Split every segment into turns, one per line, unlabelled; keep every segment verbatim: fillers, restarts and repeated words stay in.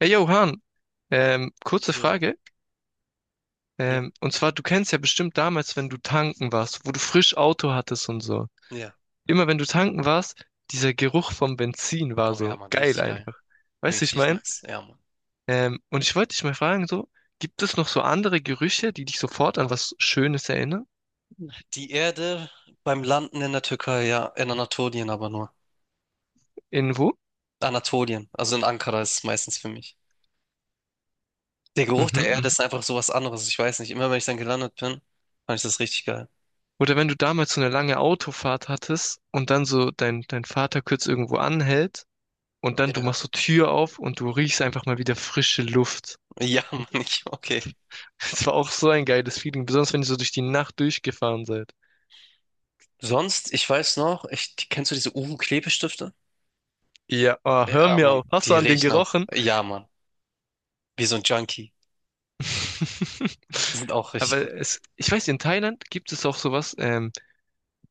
Hey Johann, ähm, kurze
Jo,
Frage.
ja,
Ähm, und zwar, du kennst ja bestimmt damals, wenn du tanken warst, wo du frisch Auto hattest und so.
ja.
Immer wenn du tanken warst, dieser Geruch vom Benzin war
Oh ja,
so
Mann,
geil
richtig geil.
einfach. Weißt du, ich
Richtig
mein?
nice, ja, Mann.
Ähm, und ich wollte dich mal fragen, so, gibt es noch so andere Gerüche, die dich sofort an was Schönes erinnern?
Die Erde beim Landen in der Türkei, ja, in Anatolien aber nur.
Irgendwo?
Anatolien, also in Ankara ist es meistens für mich. Der Geruch
Mhm,
der Erde
mhm.
ist einfach so was anderes, ich weiß nicht. Immer wenn ich dann gelandet bin, fand ich das richtig geil.
Oder wenn du damals so eine lange Autofahrt hattest und dann so dein, dein Vater kurz irgendwo anhält und dann du
Ja,
machst so Tür auf und du riechst einfach mal wieder frische Luft.
ja, Mann, ich, okay.
Es war auch so ein geiles Feeling, besonders wenn ihr so durch die Nacht durchgefahren seid.
Sonst, ich weiß noch, ich, kennst du diese Uhu-Klebestifte?
Ja, oh, hör
Ja,
mir
Mann,
auf. Hast du
die
an den
riechen auch.
gerochen?
Ja, Mann, wie so ein Junkie. Sind auch richtig
Aber
gut.
es, ich weiß, in Thailand gibt es auch sowas, ähm,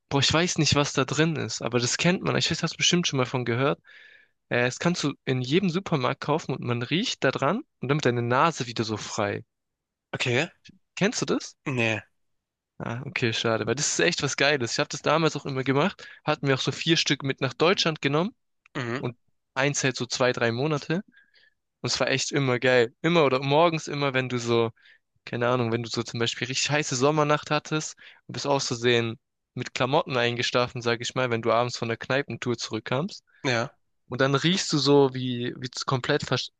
boah, ich weiß nicht, was da drin ist, aber das kennt man. Ich weiß, hast du bestimmt schon mal von gehört. Äh, das kannst du in jedem Supermarkt kaufen und man riecht da dran und damit deine Nase wieder so frei.
Okay,
Kennst du das?
nee,
Ah, okay, schade, weil das ist echt was Geiles. Ich habe das damals auch immer gemacht, hatten wir auch so vier Stück mit nach Deutschland genommen
mhm,
und eins hält so zwei, drei Monate. Und es war echt immer geil. Immer oder morgens immer, wenn du so, keine Ahnung, wenn du so zum Beispiel richtig heiße Sommernacht hattest und bist auszusehen mit Klamotten eingeschlafen, sag ich mal, wenn du abends von der Kneipentour zurückkamst.
ja.
Und dann riechst du so, wie, wie es komplett versch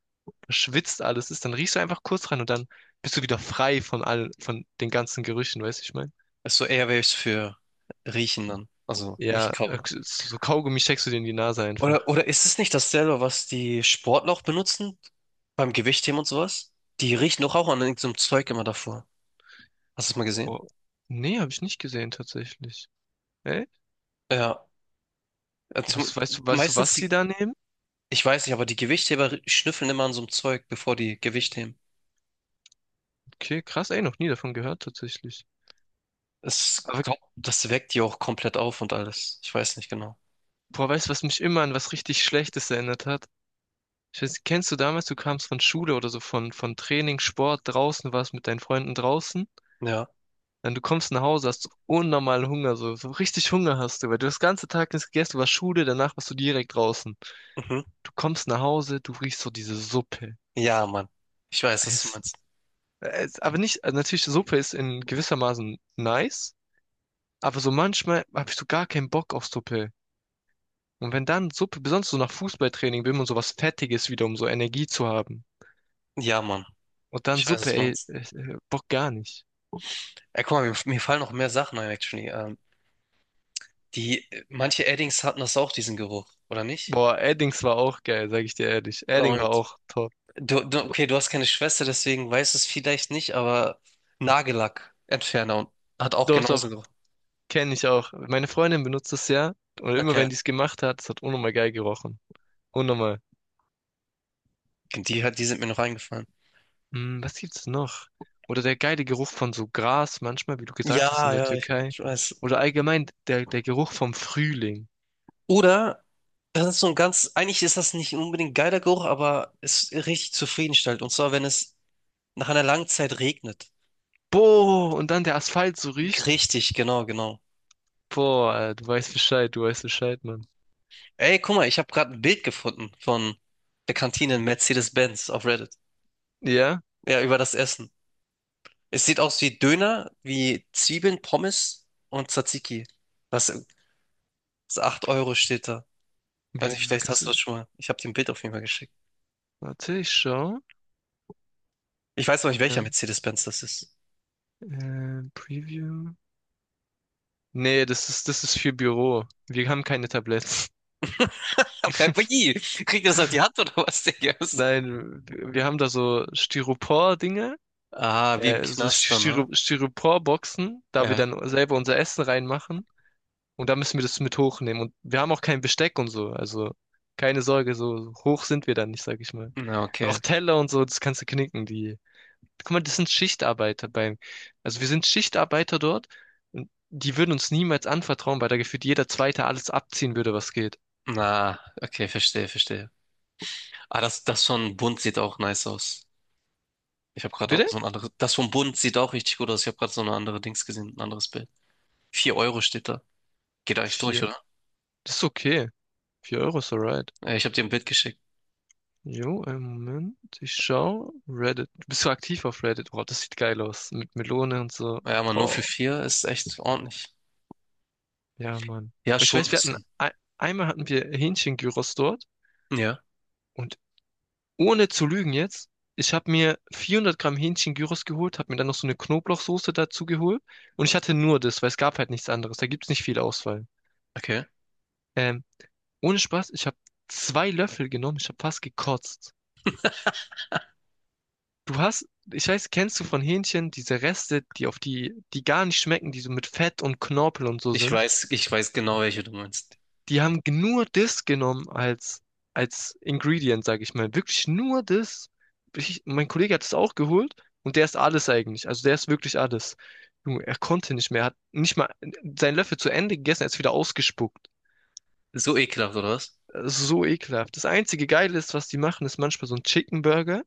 verschwitzt alles ist. Dann riechst du einfach kurz rein und dann bist du wieder frei von all, von den ganzen Gerüchen, weißt du, ich meine?
Ist so Airwaves für Riechen dann. Also nicht
Ja, äh,
kauen.
so Kaugummi steckst du dir in die Nase
Oder,
einfach.
oder ist es nicht dasselbe, was die Sportler auch benutzen? Beim Gewichtheben und sowas? Die riechen doch auch an irgendeinem Zeug immer davor. Hast du es mal gesehen?
Boah. Nee, habe ich nicht gesehen tatsächlich. Echt?
Ja. Also,
Was weißt du, weißt du,
meistens,
was
die,
die da nehmen?
ich weiß nicht, aber die Gewichtheber schnüffeln immer an so einem Zeug, bevor die Gewicht heben.
Okay, krass, ey, noch nie davon gehört tatsächlich.
Es,
Aber
glaub, das weckt die auch komplett auf und alles. Ich weiß nicht genau.
boah, weißt du, was mich immer an was richtig Schlechtes erinnert hat? Ich weiß, kennst du damals, du kamst von Schule oder so, von, von Training, Sport, draußen warst mit deinen Freunden draußen,
Ja.
dann du kommst nach Hause, hast unnormalen Hunger, so, so richtig Hunger hast du, weil du das ganze Tag nichts gegessen, du warst Schule, danach warst du direkt draußen.
Mhm.
Du kommst nach Hause, du riechst so diese Suppe.
Ja, Mann. Ich weiß, was du
Es,
meinst.
es, aber nicht, also natürlich, Suppe ist in gewissermaßen nice, aber so manchmal habe ich so gar keinen Bock auf Suppe. Und wenn dann Suppe, besonders so nach Fußballtraining will man sowas Fettiges wieder, um so Energie zu haben.
Ja, Mann.
Und dann
Ich weiß,
Suppe,
was du
ey,
meinst.
äh, äh, Bock gar nicht.
Ey, guck mal, mir, mir fallen noch mehr Sachen ein, actually. Ähm, Die, manche Eddings hatten das auch, diesen Geruch, oder nicht?
Boah, Eddings war auch geil, sag ich dir ehrlich. Edding
Und
war auch top.
du, du, okay, du hast keine Schwester, deswegen weißt du es vielleicht nicht, aber Nagellackentferner und hat auch
Doch,
genauso
doch,
gerochen.
kenne ich auch. Meine Freundin benutzt es ja. Und immer
Okay.
wenn die es gemacht hat, es hat unnormal geil gerochen. Unnormal.
Die hat, die sind mir noch eingefallen.
Hm, was gibt's noch? Oder der geile Geruch von so Gras, manchmal, wie du
Ja,
gesagt hast, in der
ja, ich,
Türkei.
ich weiß.
Oder allgemein der, der Geruch vom Frühling.
Oder, das ist so ein ganz, eigentlich ist das nicht unbedingt ein geiler Geruch, aber es ist richtig zufriedenstellend. Und zwar, wenn es nach einer langen Zeit regnet.
Boah, und dann der Asphalt so riecht.
Richtig, genau, genau.
Boah, du weißt Bescheid, du weißt Bescheid, Mann.
Ey, guck mal, ich habe gerade ein Bild gefunden von der Kantine in Mercedes-Benz auf Reddit.
Ja?
Ja, über das Essen. Es sieht aus wie Döner, wie Zwiebeln, Pommes und Tzatziki. Das, das acht Euro steht da. Weiß
Wie,
nicht,
wie
vielleicht
kannst
hast
du.
du das schon mal. Ich habe dir ein Bild auf jeden Fall geschickt.
Warte, ich schau.
Ich weiß noch nicht, welcher
Ja.
Mercedes-Benz das ist.
Äh, Preview. Nee, das ist, das ist für Büro. Wir haben keine Tabletts.
Aber wie? Kriegt ihr das auf die Hand oder was, Digga? Was-
Nein, wir wir haben da so Styropor-Dinge,
Ah, wie im
äh, so
Knast dann, ne?
Styro Styropor-Boxen, da wir
Ja.
dann selber unser Essen reinmachen. Und da müssen wir das mit hochnehmen. Und wir haben auch kein Besteck und so. Also keine Sorge, so hoch sind wir dann nicht, sag ich mal.
Na,
Und auch
okay.
Teller und so, das kannst du knicken. Die Guck mal, das sind Schichtarbeiter beim, also wir sind Schichtarbeiter dort und die würden uns niemals anvertrauen, weil da gefühlt jeder Zweite alles abziehen würde, was geht.
Na, okay, verstehe, verstehe. Ah, das, das von Bund sieht auch nice aus. Ich habe gerade
Bitte?
so ein anderes. Das von Bund sieht auch richtig gut aus. Ich habe gerade so eine andere Dings gesehen, ein anderes Bild. Vier Euro steht da. Geht eigentlich durch.
Vier. Das ist okay. Vier Euro ist alright.
Äh, Ich habe dir ein Bild geschickt.
Jo, einen Moment. Ich schau. Reddit. Bist du aktiv auf Reddit? Boah, das sieht geil aus. Mit Melone und so.
Ja, aber nur für
Boah.
vier ist echt ordentlich.
Ja, Mann.
Ja,
Aber ich
schon ein
weiß, wir hatten,
bisschen.
ein- einmal hatten wir Hähnchen-Gyros dort
Ja,
und ohne zu lügen jetzt, ich habe mir 400 Gramm Hähnchen-Gyros geholt, habe mir dann noch so eine Knoblauchsoße dazu geholt und ich hatte nur das, weil es gab halt nichts anderes. Da gibt's nicht viel Auswahl.
okay.
Ähm, ohne Spaß, ich habe zwei Löffel genommen, ich habe fast gekotzt. Du hast, ich weiß, kennst du von Hähnchen diese Reste, die auf die, die gar nicht schmecken, die so mit Fett und Knorpel und so
Ich
sind?
weiß, ich weiß genau, welche du meinst.
Die haben nur das genommen als, als, Ingredient, sag ich mal. Wirklich nur das. Ich, mein Kollege hat es auch geholt und der ist alles eigentlich. Also der ist wirklich alles. Junge, er konnte nicht mehr. Er hat nicht mal seinen Löffel zu Ende gegessen, er ist wieder ausgespuckt.
So ekelhaft, oder was?
Das ist so ekelhaft. Das einzige Geile ist, was die machen, ist manchmal so ein Chicken Burger.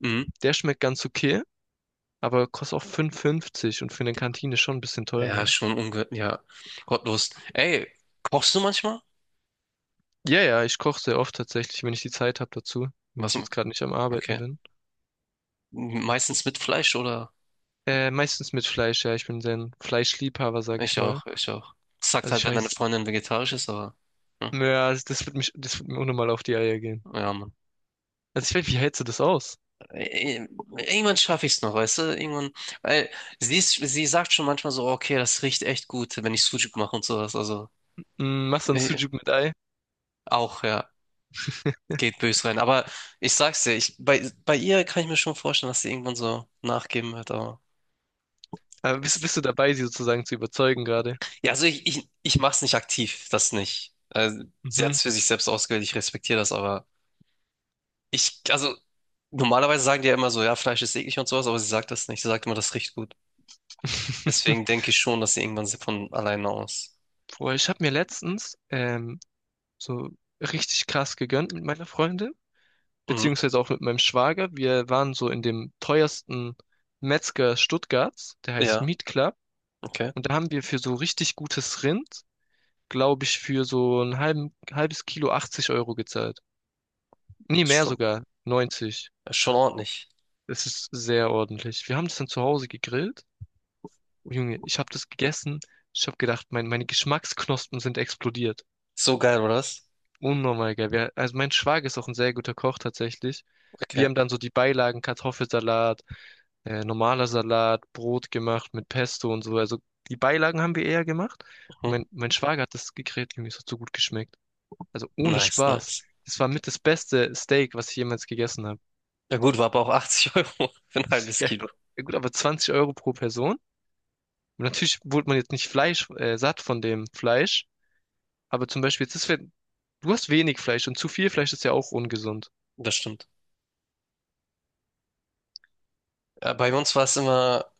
Mhm.
Der schmeckt ganz okay, aber kostet auch fünf fünfzig und für eine Kantine schon ein bisschen
Ja,
teurer.
schon unge... Ja, gottlos. Ey, kochst du manchmal?
Ja, ja, ich koche sehr oft tatsächlich, wenn ich die Zeit habe dazu, wenn
Was?
ich jetzt gerade nicht am Arbeiten
Okay.
bin.
Meistens mit Fleisch, oder?
Äh, meistens mit Fleisch, ja. Ich bin sehr ein Fleischliebhaber, sag ich
Ich
mal.
auch, ich auch. Sagt
Also
halt,
ich
wenn deine
weiß,
Freundin vegetarisch ist, aber... Hm.
ja, also das wird mich, das wird mir unnormal auf die Eier gehen.
Ja, Mann.
Also ich weiß, wie hältst du das aus?
Ey, irgendwann schaffe ich es noch, weißt du? Irgendwann... Weil sie ist, sie sagt schon manchmal so, okay, das riecht echt gut, wenn ich Sucuk mache und sowas, also...
Hm, machst du ein Sujuk mit Ei?
Auch, ja, geht bös rein. Aber ich sag's dir, ich, bei, bei ihr kann ich mir schon vorstellen, dass sie irgendwann so nachgeben wird, aber
Aber bist,
ist,
bist du dabei, sie sozusagen zu überzeugen gerade?
ja, also ich, ich, ich, mach's nicht aktiv, das nicht. Also, sie
Mhm.
hat's für sich selbst ausgewählt, ich respektiere das, aber ich, also normalerweise sagen die ja immer so, ja, Fleisch ist eklig und sowas, aber sie sagt das nicht, sie sagt immer, das riecht gut. Deswegen denke ich schon, dass sie irgendwann von alleine aus.
Boah, ich habe mir letztens ähm, so richtig krass gegönnt mit meiner Freundin,
Mhm.
beziehungsweise auch mit meinem Schwager. Wir waren so in dem teuersten Metzger Stuttgarts, der heißt
Ja,
Meat Club.
okay.
Und da haben wir für so richtig gutes Rind glaube ich, für so ein halben, halbes Kilo achtzig Euro gezahlt. Nee,
Ist
mehr
schon,
sogar. neunzig.
ist schon ordentlich.
Es ist sehr ordentlich. Wir haben das dann zu Hause gegrillt. Oh Junge, ich habe das gegessen. Ich habe gedacht, mein, meine Geschmacksknospen sind explodiert.
So geil, oder was?
Unnormal geil. Wir, also mein Schwager ist auch ein sehr guter Koch tatsächlich. Wir
Okay.
haben dann so die Beilagen, Kartoffelsalat, äh, normaler Salat, Brot gemacht mit Pesto und so. Also die Beilagen haben wir eher gemacht.
Mhm.
Mein, mein Schwager hat das gegrillt, Junge, es hat so gut geschmeckt. Also ohne
Nice,
Spaß.
nice.
Das war mit das beste Steak, was ich jemals gegessen habe.
Ja gut, war aber auch achtzig Euro für ein halbes
Ja,
Kilo.
ja gut, aber zwanzig Euro pro Person. Und natürlich wurde man jetzt nicht Fleisch, äh, satt von dem Fleisch. Aber zum Beispiel, jetzt ist, wenn- du hast wenig Fleisch und zu viel Fleisch ist ja auch ungesund.
Das stimmt. Ja, bei uns war es immer,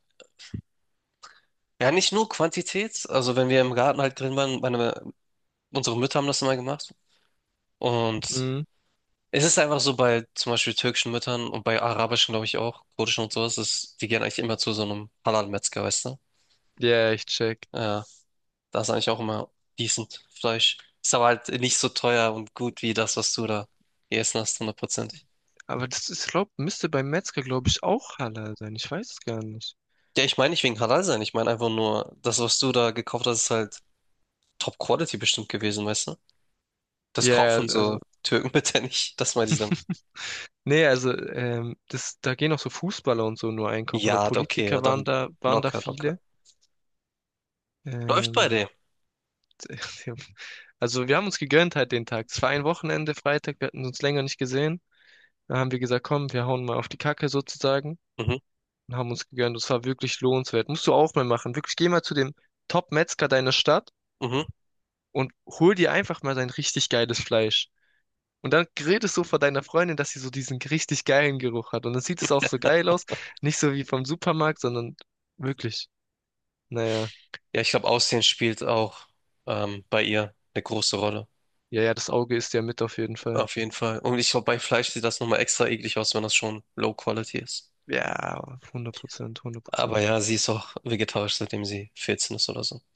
ja, nicht nur Quantität. Also, wenn wir im Garten halt drin waren, meine, unsere Mütter haben das immer gemacht. Und
Mhm.
es ist einfach so bei zum Beispiel türkischen Müttern und bei arabischen, glaube ich, auch, kurdischen und sowas, ist, die gehen eigentlich immer zu so einem Halal-Metzger, weißt du?
Ja, ich check.
Ja, da ist eigentlich auch immer decent Fleisch. Ist aber halt nicht so teuer und gut wie das, was du da gegessen hast, hundertprozentig.
Aber das ist, glaub, müsste beim Metzger, glaube ich, auch Halal sein. Ich weiß es gar nicht.
Ja, ich meine nicht wegen Halal sein. Ich meine einfach nur, das, was du da gekauft hast, ist halt Top-Quality bestimmt gewesen, weißt du? Das
Ja,
kaufen
also,
so Türken bitte nicht. Das meinte ich dann.
nee, also, ähm, das, da gehen auch so Fußballer und so nur einkaufen. Oder
Ja, okay, ja,
Politiker
dann
waren da, waren da
locker, locker.
viele.
Läuft bei
Ähm,
dem.
Also wir haben uns gegönnt halt den Tag. Es war ein Wochenende, Freitag, wir hatten uns länger nicht gesehen. Da haben wir gesagt, komm, wir hauen mal auf die Kacke sozusagen
Mhm,
und haben uns gegönnt. Es war wirklich lohnenswert. Musst du auch mal machen. Wirklich, geh mal zu dem Top-Metzger deiner Stadt
mhm.
und hol dir einfach mal sein richtig geiles Fleisch. Und dann redest du vor deiner Freundin, dass sie so diesen richtig geilen Geruch hat. Und dann sieht es auch so geil aus. Nicht so wie vom Supermarkt, sondern wirklich. Naja,
Ja, ich glaube, Aussehen spielt auch ähm, bei ihr eine große Rolle.
ja, ja, das Auge ist ja mit auf jeden Fall.
Auf jeden Fall. Und ich glaube, bei Fleisch sieht das nochmal extra eklig aus, wenn das schon Low Quality ist.
Ja, hundert Prozent, hundert
Aber
Prozent.
ja, sie ist auch vegetarisch, seitdem sie vierzehn ist oder so.